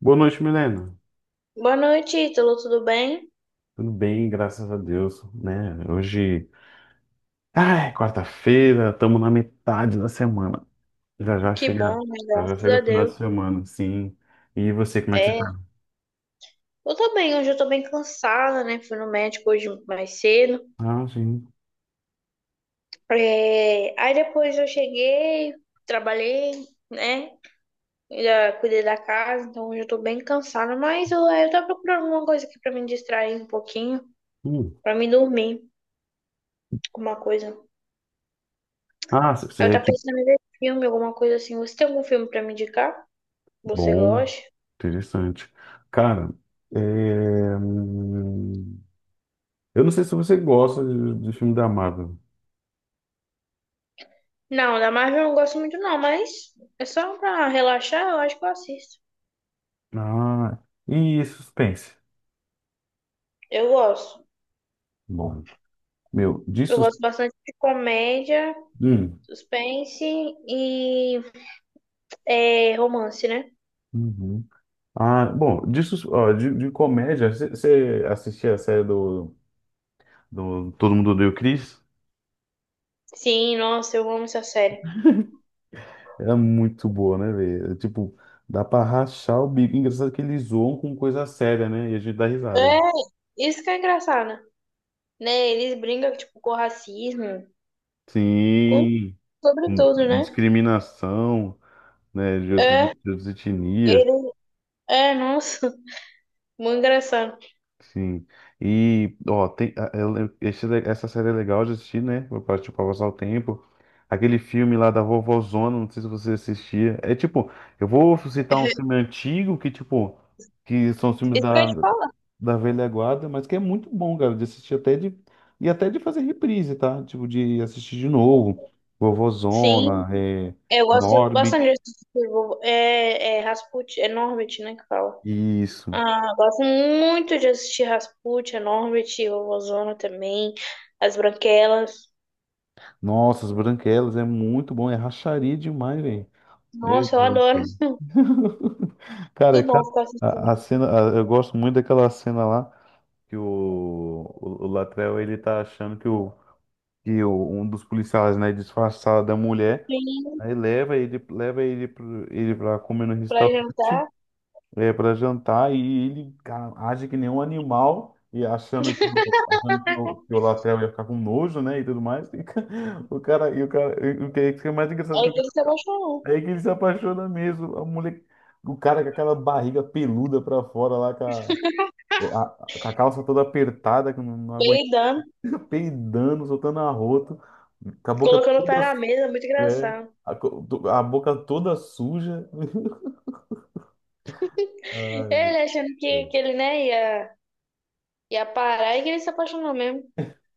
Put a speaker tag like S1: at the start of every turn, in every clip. S1: Boa noite, Milena.
S2: Boa noite, Ítalo, tudo bem?
S1: Tudo bem, graças a Deus, né? Hoje, ai, quarta-feira, estamos na metade da semana. Já já
S2: Que bom,
S1: chega,
S2: né?
S1: já já
S2: Graças
S1: chega o
S2: a
S1: final
S2: Deus.
S1: de semana, sim. E você, como é que você
S2: É,
S1: tá?
S2: eu tô bem, hoje eu tô bem cansada, né? Fui no médico hoje mais cedo.
S1: Ah, sim.
S2: Aí depois eu cheguei, trabalhei, né? Ainda cuidei da casa, então hoje eu tô bem cansada, mas eu tô procurando alguma coisa aqui pra me distrair um pouquinho,
S1: Hum.
S2: pra me dormir, alguma coisa.
S1: Ah,
S2: Eu
S1: você é
S2: tô
S1: tipo,
S2: pensando em ver filme, alguma coisa assim. Você tem algum filme pra me indicar? Você
S1: bom,
S2: gosta?
S1: interessante. Cara, é, hum, eu não sei se você gosta de filme da Marvel.
S2: Não, da Marvel eu não gosto muito não, mas é só pra relaxar, eu acho que eu assisto.
S1: Ah, e suspense?
S2: Eu gosto.
S1: Bom, meu, de
S2: Eu gosto bastante de comédia,
S1: suspense.
S2: suspense e romance, né?
S1: Ah, bom, ó, de comédia, você assistia a série do Todo Mundo Odeia o Chris?
S2: Sim, nossa, eu amo essa série.
S1: Era muito boa, né, velho? Tipo, dá pra rachar o bico. Engraçado que eles zoam com coisa séria, né? E a gente dá
S2: É,
S1: risada.
S2: isso que é engraçado, né? Eles brincam, tipo, com racismo, com
S1: Sim,
S2: sobre tudo, né?
S1: discriminação, né, de outras, de
S2: É,
S1: outras etnias.
S2: ele... É, nossa, muito engraçado.
S1: Sim. E, ó, tem, a- eu lem- esse le- essa série é legal de assistir, né? Pra, tipo, pra passar o tempo. Aquele filme lá da Vovozona, não sei se você assistia. É tipo, eu vou citar um filme antigo que, tipo, que são os filmes
S2: Isso que eu ia
S1: da,
S2: te falar.
S1: da velha guarda, mas que é muito bom, cara, de assistir até de. E até de fazer reprise, tá? Tipo, de assistir de novo.
S2: Sim,
S1: Vovozona,
S2: eu gosto bastante
S1: Norbit.
S2: desse tipo, é Rasputin, é Norbit, né, que fala.
S1: Isso.
S2: Ah, gosto muito de assistir Rasputia, Norbit, o Ozona também, As Branquelas.
S1: Nossa, As Branquelas é muito bom. É racharia demais, velho. Meu
S2: Nossa, eu
S1: Deus do
S2: adoro.
S1: céu. Cara, é
S2: Muito bom ficar
S1: a,
S2: assistindo
S1: a cena, eu gosto muito daquela cena lá que o Latrell ele tá achando que o, um dos policiais, né, disfarçado da mulher,
S2: filme
S1: aí leva ele, ele pra comer no
S2: pra
S1: restaurante,
S2: jantar.
S1: pra jantar, e ele, cara, age que nem um animal, e achando que o Latrell ia ficar com nojo, né, e tudo mais, e o cara, e o que é mais engraçado.
S2: Aí que ele se apaixonou.
S1: Aí que ele se apaixona mesmo. A mulher, o cara com aquela barriga peluda pra fora lá, com com a calça toda apertada, que não, não aguenta,
S2: Peidando,
S1: peidando, soltando arroto, com a boca
S2: colocando o pé
S1: toda,
S2: na mesa, muito
S1: é,
S2: engraçado.
S1: a boca toda suja. Ai, meu
S2: Ele achando
S1: Deus.
S2: que ele, né, ia, Ia parar e que ele se apaixonou mesmo.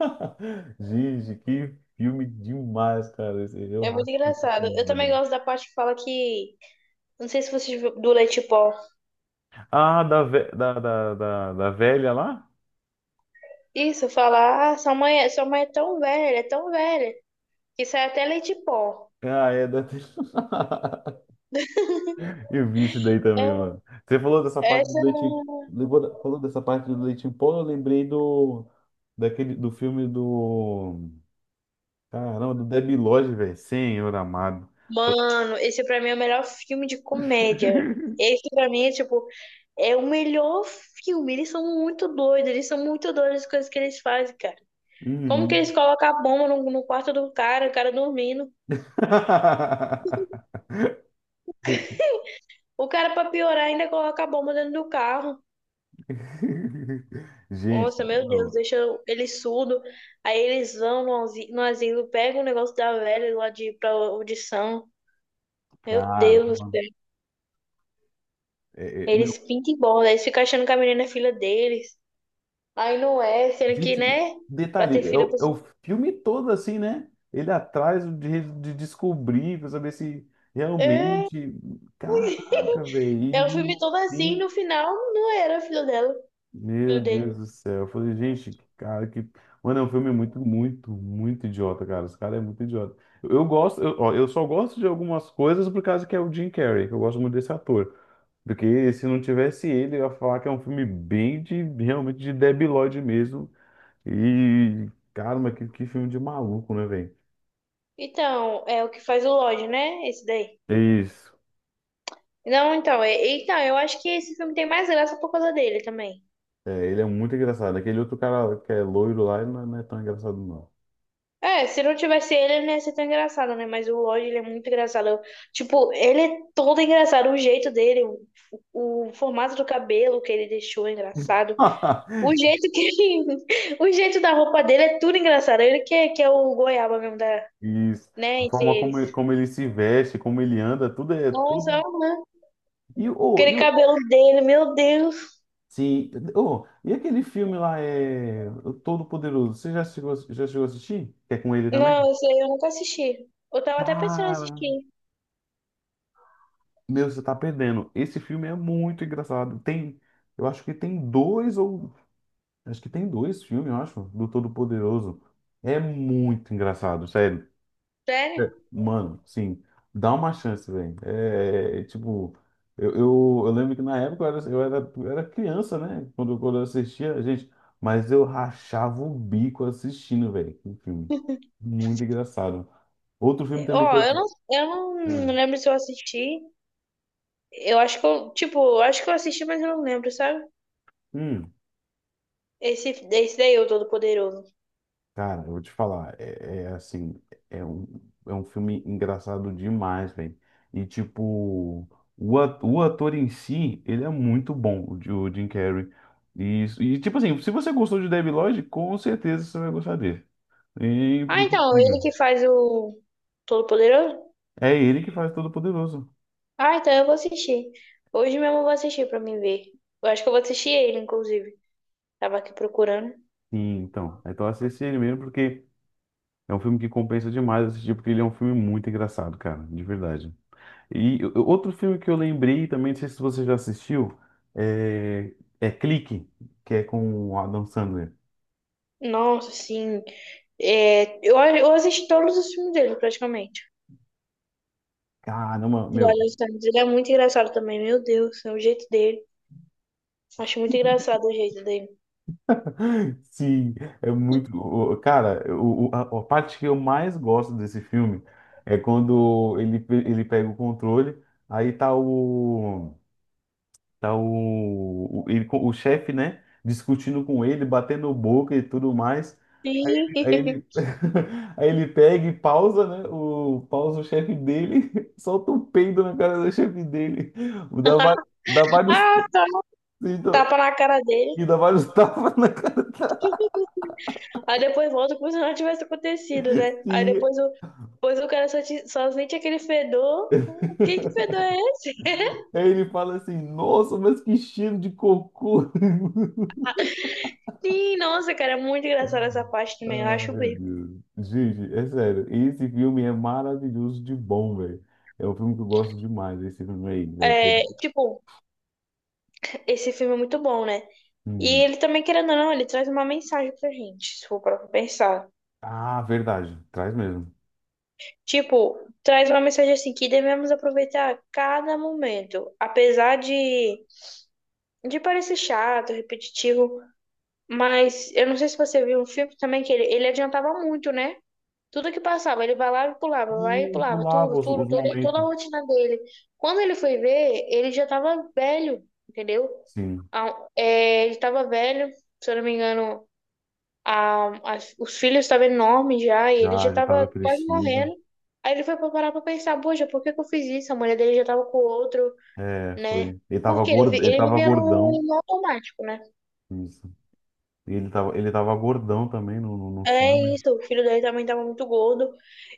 S1: Gente, que filme demais, cara. Eu
S2: É muito
S1: racho esse
S2: engraçado.
S1: filme,
S2: Eu também
S1: velho.
S2: gosto da parte que fala que. Não sei se você viu do leite pó.
S1: Ah, da, ve- da, da, da, da velha lá?
S2: Isso, fala, ah, sua mãe é tão velha, que sai até leite pó.
S1: Ah, é da. Eu vi isso daí também,
S2: É,
S1: mano. Você falou dessa parte do
S2: Essa,
S1: leite, falou dessa parte do leite em pó, eu lembrei do daquele do filme do caramba, do Debi Lodge, velho, Senhor amado.
S2: Mano, esse pra mim é o melhor filme de comédia. Esse pra mim é tipo, É o melhor filme. Eles são muito doidos, eles são muito doidos as coisas que eles fazem, cara. Como que
S1: Uhum.
S2: eles colocam a bomba no quarto do cara, o cara dormindo. O cara, pra piorar, ainda coloca a bomba dentro do carro.
S1: Gente,
S2: Nossa, meu Deus,
S1: não,
S2: deixa ele surdo. Aí eles vão no asilo, no asilo pegam o negócio da velha lá de, pra audição. Meu Deus do
S1: caramba.
S2: céu.
S1: É, é.
S2: Eles pintam e bola, eles ficam achando que a menina é filha deles. Aí não é, sendo que,
S1: Gente,
S2: né? Pra ter
S1: detalhe, é
S2: filho, a
S1: o, é
S2: pessoa.
S1: o filme todo assim, né? Ele atrás de descobrir, pra saber se realmente. Caraca, velho. E
S2: É, é o filme
S1: no
S2: todo assim,
S1: fim.
S2: no final não era filho dela,
S1: Meu
S2: filho dele.
S1: Deus do céu. Eu falei, gente, que cara, que. Mano, é um filme muito, muito, muito idiota, cara. Esse cara é muito idiota. Ó, eu só gosto de algumas coisas por causa que é o Jim Carrey, que eu gosto muito desse ator. Porque se não tivesse ele, eu ia falar que é um filme bem de, realmente de debilóide mesmo e, caramba, que filme de maluco, né, velho?
S2: Então, é o que faz o Lodge, né? Esse daí.
S1: É. Isso.
S2: Não, então, é, então, Eu acho que esse filme tem mais graça por causa dele também.
S1: É, ele é muito engraçado. Aquele outro cara que é loiro lá, ele não é tão engraçado, não.
S2: É, se não tivesse ele, ele não ia ser tão engraçado, né? Mas o Lodge, ele é muito engraçado. Ele é todo engraçado, o jeito dele, o formato do cabelo que ele deixou é engraçado. O jeito que o jeito da roupa dele é tudo engraçado. Ele que é o goiaba mesmo da,
S1: Isso.
S2: né,
S1: A
S2: entre
S1: forma como,
S2: eles.
S1: como ele se veste, como ele anda, tudo é tudo.
S2: Nossa, né? Aquele
S1: E o
S2: cabelo dele, meu Deus.
S1: Sim, oh, e aquele filme lá é o Todo Poderoso. Você já chegou a assistir? Que é com ele também?
S2: Não, isso eu nunca assisti. Eu tava até pensando em
S1: Cara,
S2: assistir.
S1: meu, você tá perdendo. Esse filme é muito engraçado. Tem, eu acho que tem dois ou acho que tem dois filmes, eu acho, do Todo-Poderoso. É muito engraçado, sério. É.
S2: Sério?
S1: Mano, sim, dá uma chance, velho. É, tipo, eu lembro que na época eu era criança, né? Quando eu assistia, gente, mas eu rachava o bico assistindo, velho, o filme. Muito engraçado. Outro filme
S2: Ó,
S1: também que eu
S2: eu não, Eu não
S1: assisti.
S2: lembro se eu assisti. Eu acho que eu assisti, mas eu não lembro, sabe? Esse daí, o Todo-Poderoso.
S1: Cara, eu vou te falar, é assim, é um, é um filme engraçado demais, velho. E tipo, o ator em si, ele é muito bom, o Jim Carrey. E, e tipo assim, se você gostou de Debi Lodge, com certeza você vai gostar dele. É
S2: Ah, então, ele
S1: impossível.
S2: que faz o Todo-Poderoso?
S1: É ele que faz Todo-Poderoso.
S2: Ah, então eu vou assistir. Hoje mesmo eu vou assistir pra me ver. Eu acho que eu vou assistir ele, inclusive. Tava aqui procurando.
S1: Sim, então. Então assiste ele mesmo, porque é um filme que compensa demais assistir, porque ele é um filme muito engraçado, cara, de verdade. E outro filme que eu lembrei também, não sei se você já assistiu, é, é Clique, que é com o Adam Sandler.
S2: Nossa, assim. Eu assisti todos os filmes dele, praticamente.
S1: Caramba,
S2: Do
S1: meu.
S2: Adam Sandler. Ele é muito engraçado também, meu Deus. É o jeito dele. Acho muito engraçado o jeito dele.
S1: Sim, é muito. Cara, a parte que eu mais gosto desse filme é quando ele pega o controle, aí tá o. Tá o chefe, né? Discutindo com ele, batendo boca e tudo mais.
S2: Sim.
S1: Aí ele, aí ele pega e pausa, né? Pausa o chefe dele, solta um peido na cara do chefe dele, dá, va- dá vários,
S2: Ah, tá.
S1: então,
S2: Tapa na cara dele.
S1: dá vários tapas na cara.
S2: Aí depois volta como se não tivesse acontecido, né?
S1: E
S2: Depois o cara só, só sente aquele fedor. Quem que fedor é
S1: aí ele fala assim: Nossa, mas que cheiro de cocô!
S2: Sim, nossa, cara, é muito engraçada essa parte também, eu
S1: Ah,
S2: acho
S1: meu
S2: bem.
S1: Deus. Gente, é sério, esse filme é maravilhoso de bom, velho. É um filme que eu gosto demais, esse filme aí, né?
S2: É, tipo, esse filme é muito bom, né? E
S1: Hum.
S2: ele também, querendo ou não, ele traz uma mensagem pra gente, se for pra pensar.
S1: Ah, verdade, traz mesmo.
S2: Tipo, traz uma mensagem assim, que devemos aproveitar cada momento. Apesar de parecer chato, repetitivo, mas eu não sei se você viu um filme também que ele adiantava muito, né? Tudo que passava, ele vai lá e pulava, vai
S1: E
S2: e pulava,
S1: pulava
S2: tudo,
S1: os,
S2: tudo,
S1: os
S2: tudo, toda a
S1: momentos.
S2: rotina dele. Quando ele foi ver, ele já tava velho, entendeu?
S1: Sim.
S2: Ele tava velho, se eu não me engano, os filhos estavam enormes já, e ele já
S1: Já
S2: tava
S1: tava
S2: quase
S1: crescido.
S2: morrendo. Aí ele foi pra parar pra pensar, poxa, por que que eu fiz isso? A mulher dele já tava com outro,
S1: É,
S2: né?
S1: foi. Ele tava
S2: Porque
S1: gordo, ele
S2: ele
S1: tava
S2: vivia
S1: gordão.
S2: no automático, né?
S1: Isso. E ele tava gordão também no
S2: É
S1: filme.
S2: isso, o filho dele também tava muito gordo.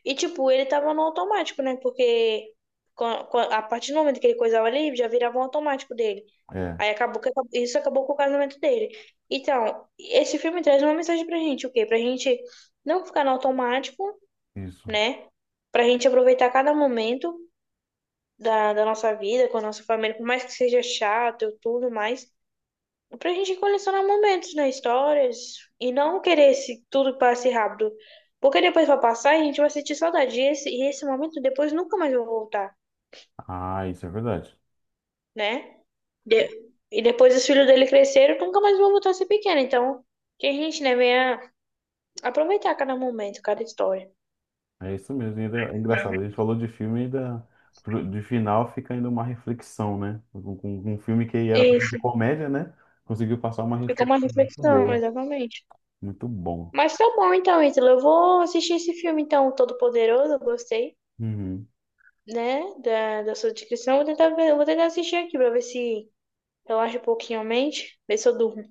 S2: E, tipo, ele tava no automático, né? Porque a partir do momento que ele coisava ali, já virava um automático dele.
S1: É,
S2: Aí isso acabou com o casamento dele. Então, esse filme traz uma mensagem pra gente, o quê? Pra gente não ficar no automático,
S1: isso.
S2: né? Pra gente aproveitar cada momento da, da nossa vida, com a nossa família, por mais que seja chato, e tudo mais. Pra gente colecionar momentos, né? Histórias. E não querer esse, tudo que passe rápido. Porque depois vai passar e a gente vai sentir saudade. E esse momento depois nunca mais vai voltar,
S1: Ah, isso é verdade.
S2: né? De- e depois os filhos dele cresceram, nunca mais vão voltar a ser pequeno. Então, que a gente, né, venha aproveitar cada momento, cada história.
S1: É isso mesmo. E ainda, é engraçado, a gente falou de filme e ainda de final fica ainda uma reflexão, né? Com um filme que era pra ser de
S2: Isso.
S1: comédia, né? Conseguiu passar uma
S2: Fica uma
S1: reflexão muito
S2: reflexão,
S1: boa.
S2: exatamente.
S1: Muito bom.
S2: Mas tá bom, então, Ítalo. Eu vou assistir esse filme, então, Todo Poderoso. Eu gostei,
S1: Uhum.
S2: né? Da, da sua descrição. Vou tentar ver, eu vou tentar assistir aqui pra ver se Relaxa um pouquinho a mente, vê se eu durmo,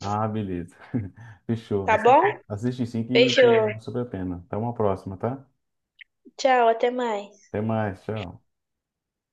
S1: Ah, beleza. Fechou.
S2: tá bom?
S1: Assiste, assiste sim que,
S2: Beijo,
S1: que vale super a pena. Até uma próxima, tá?
S2: tchau, até mais.
S1: Até mais, tchau.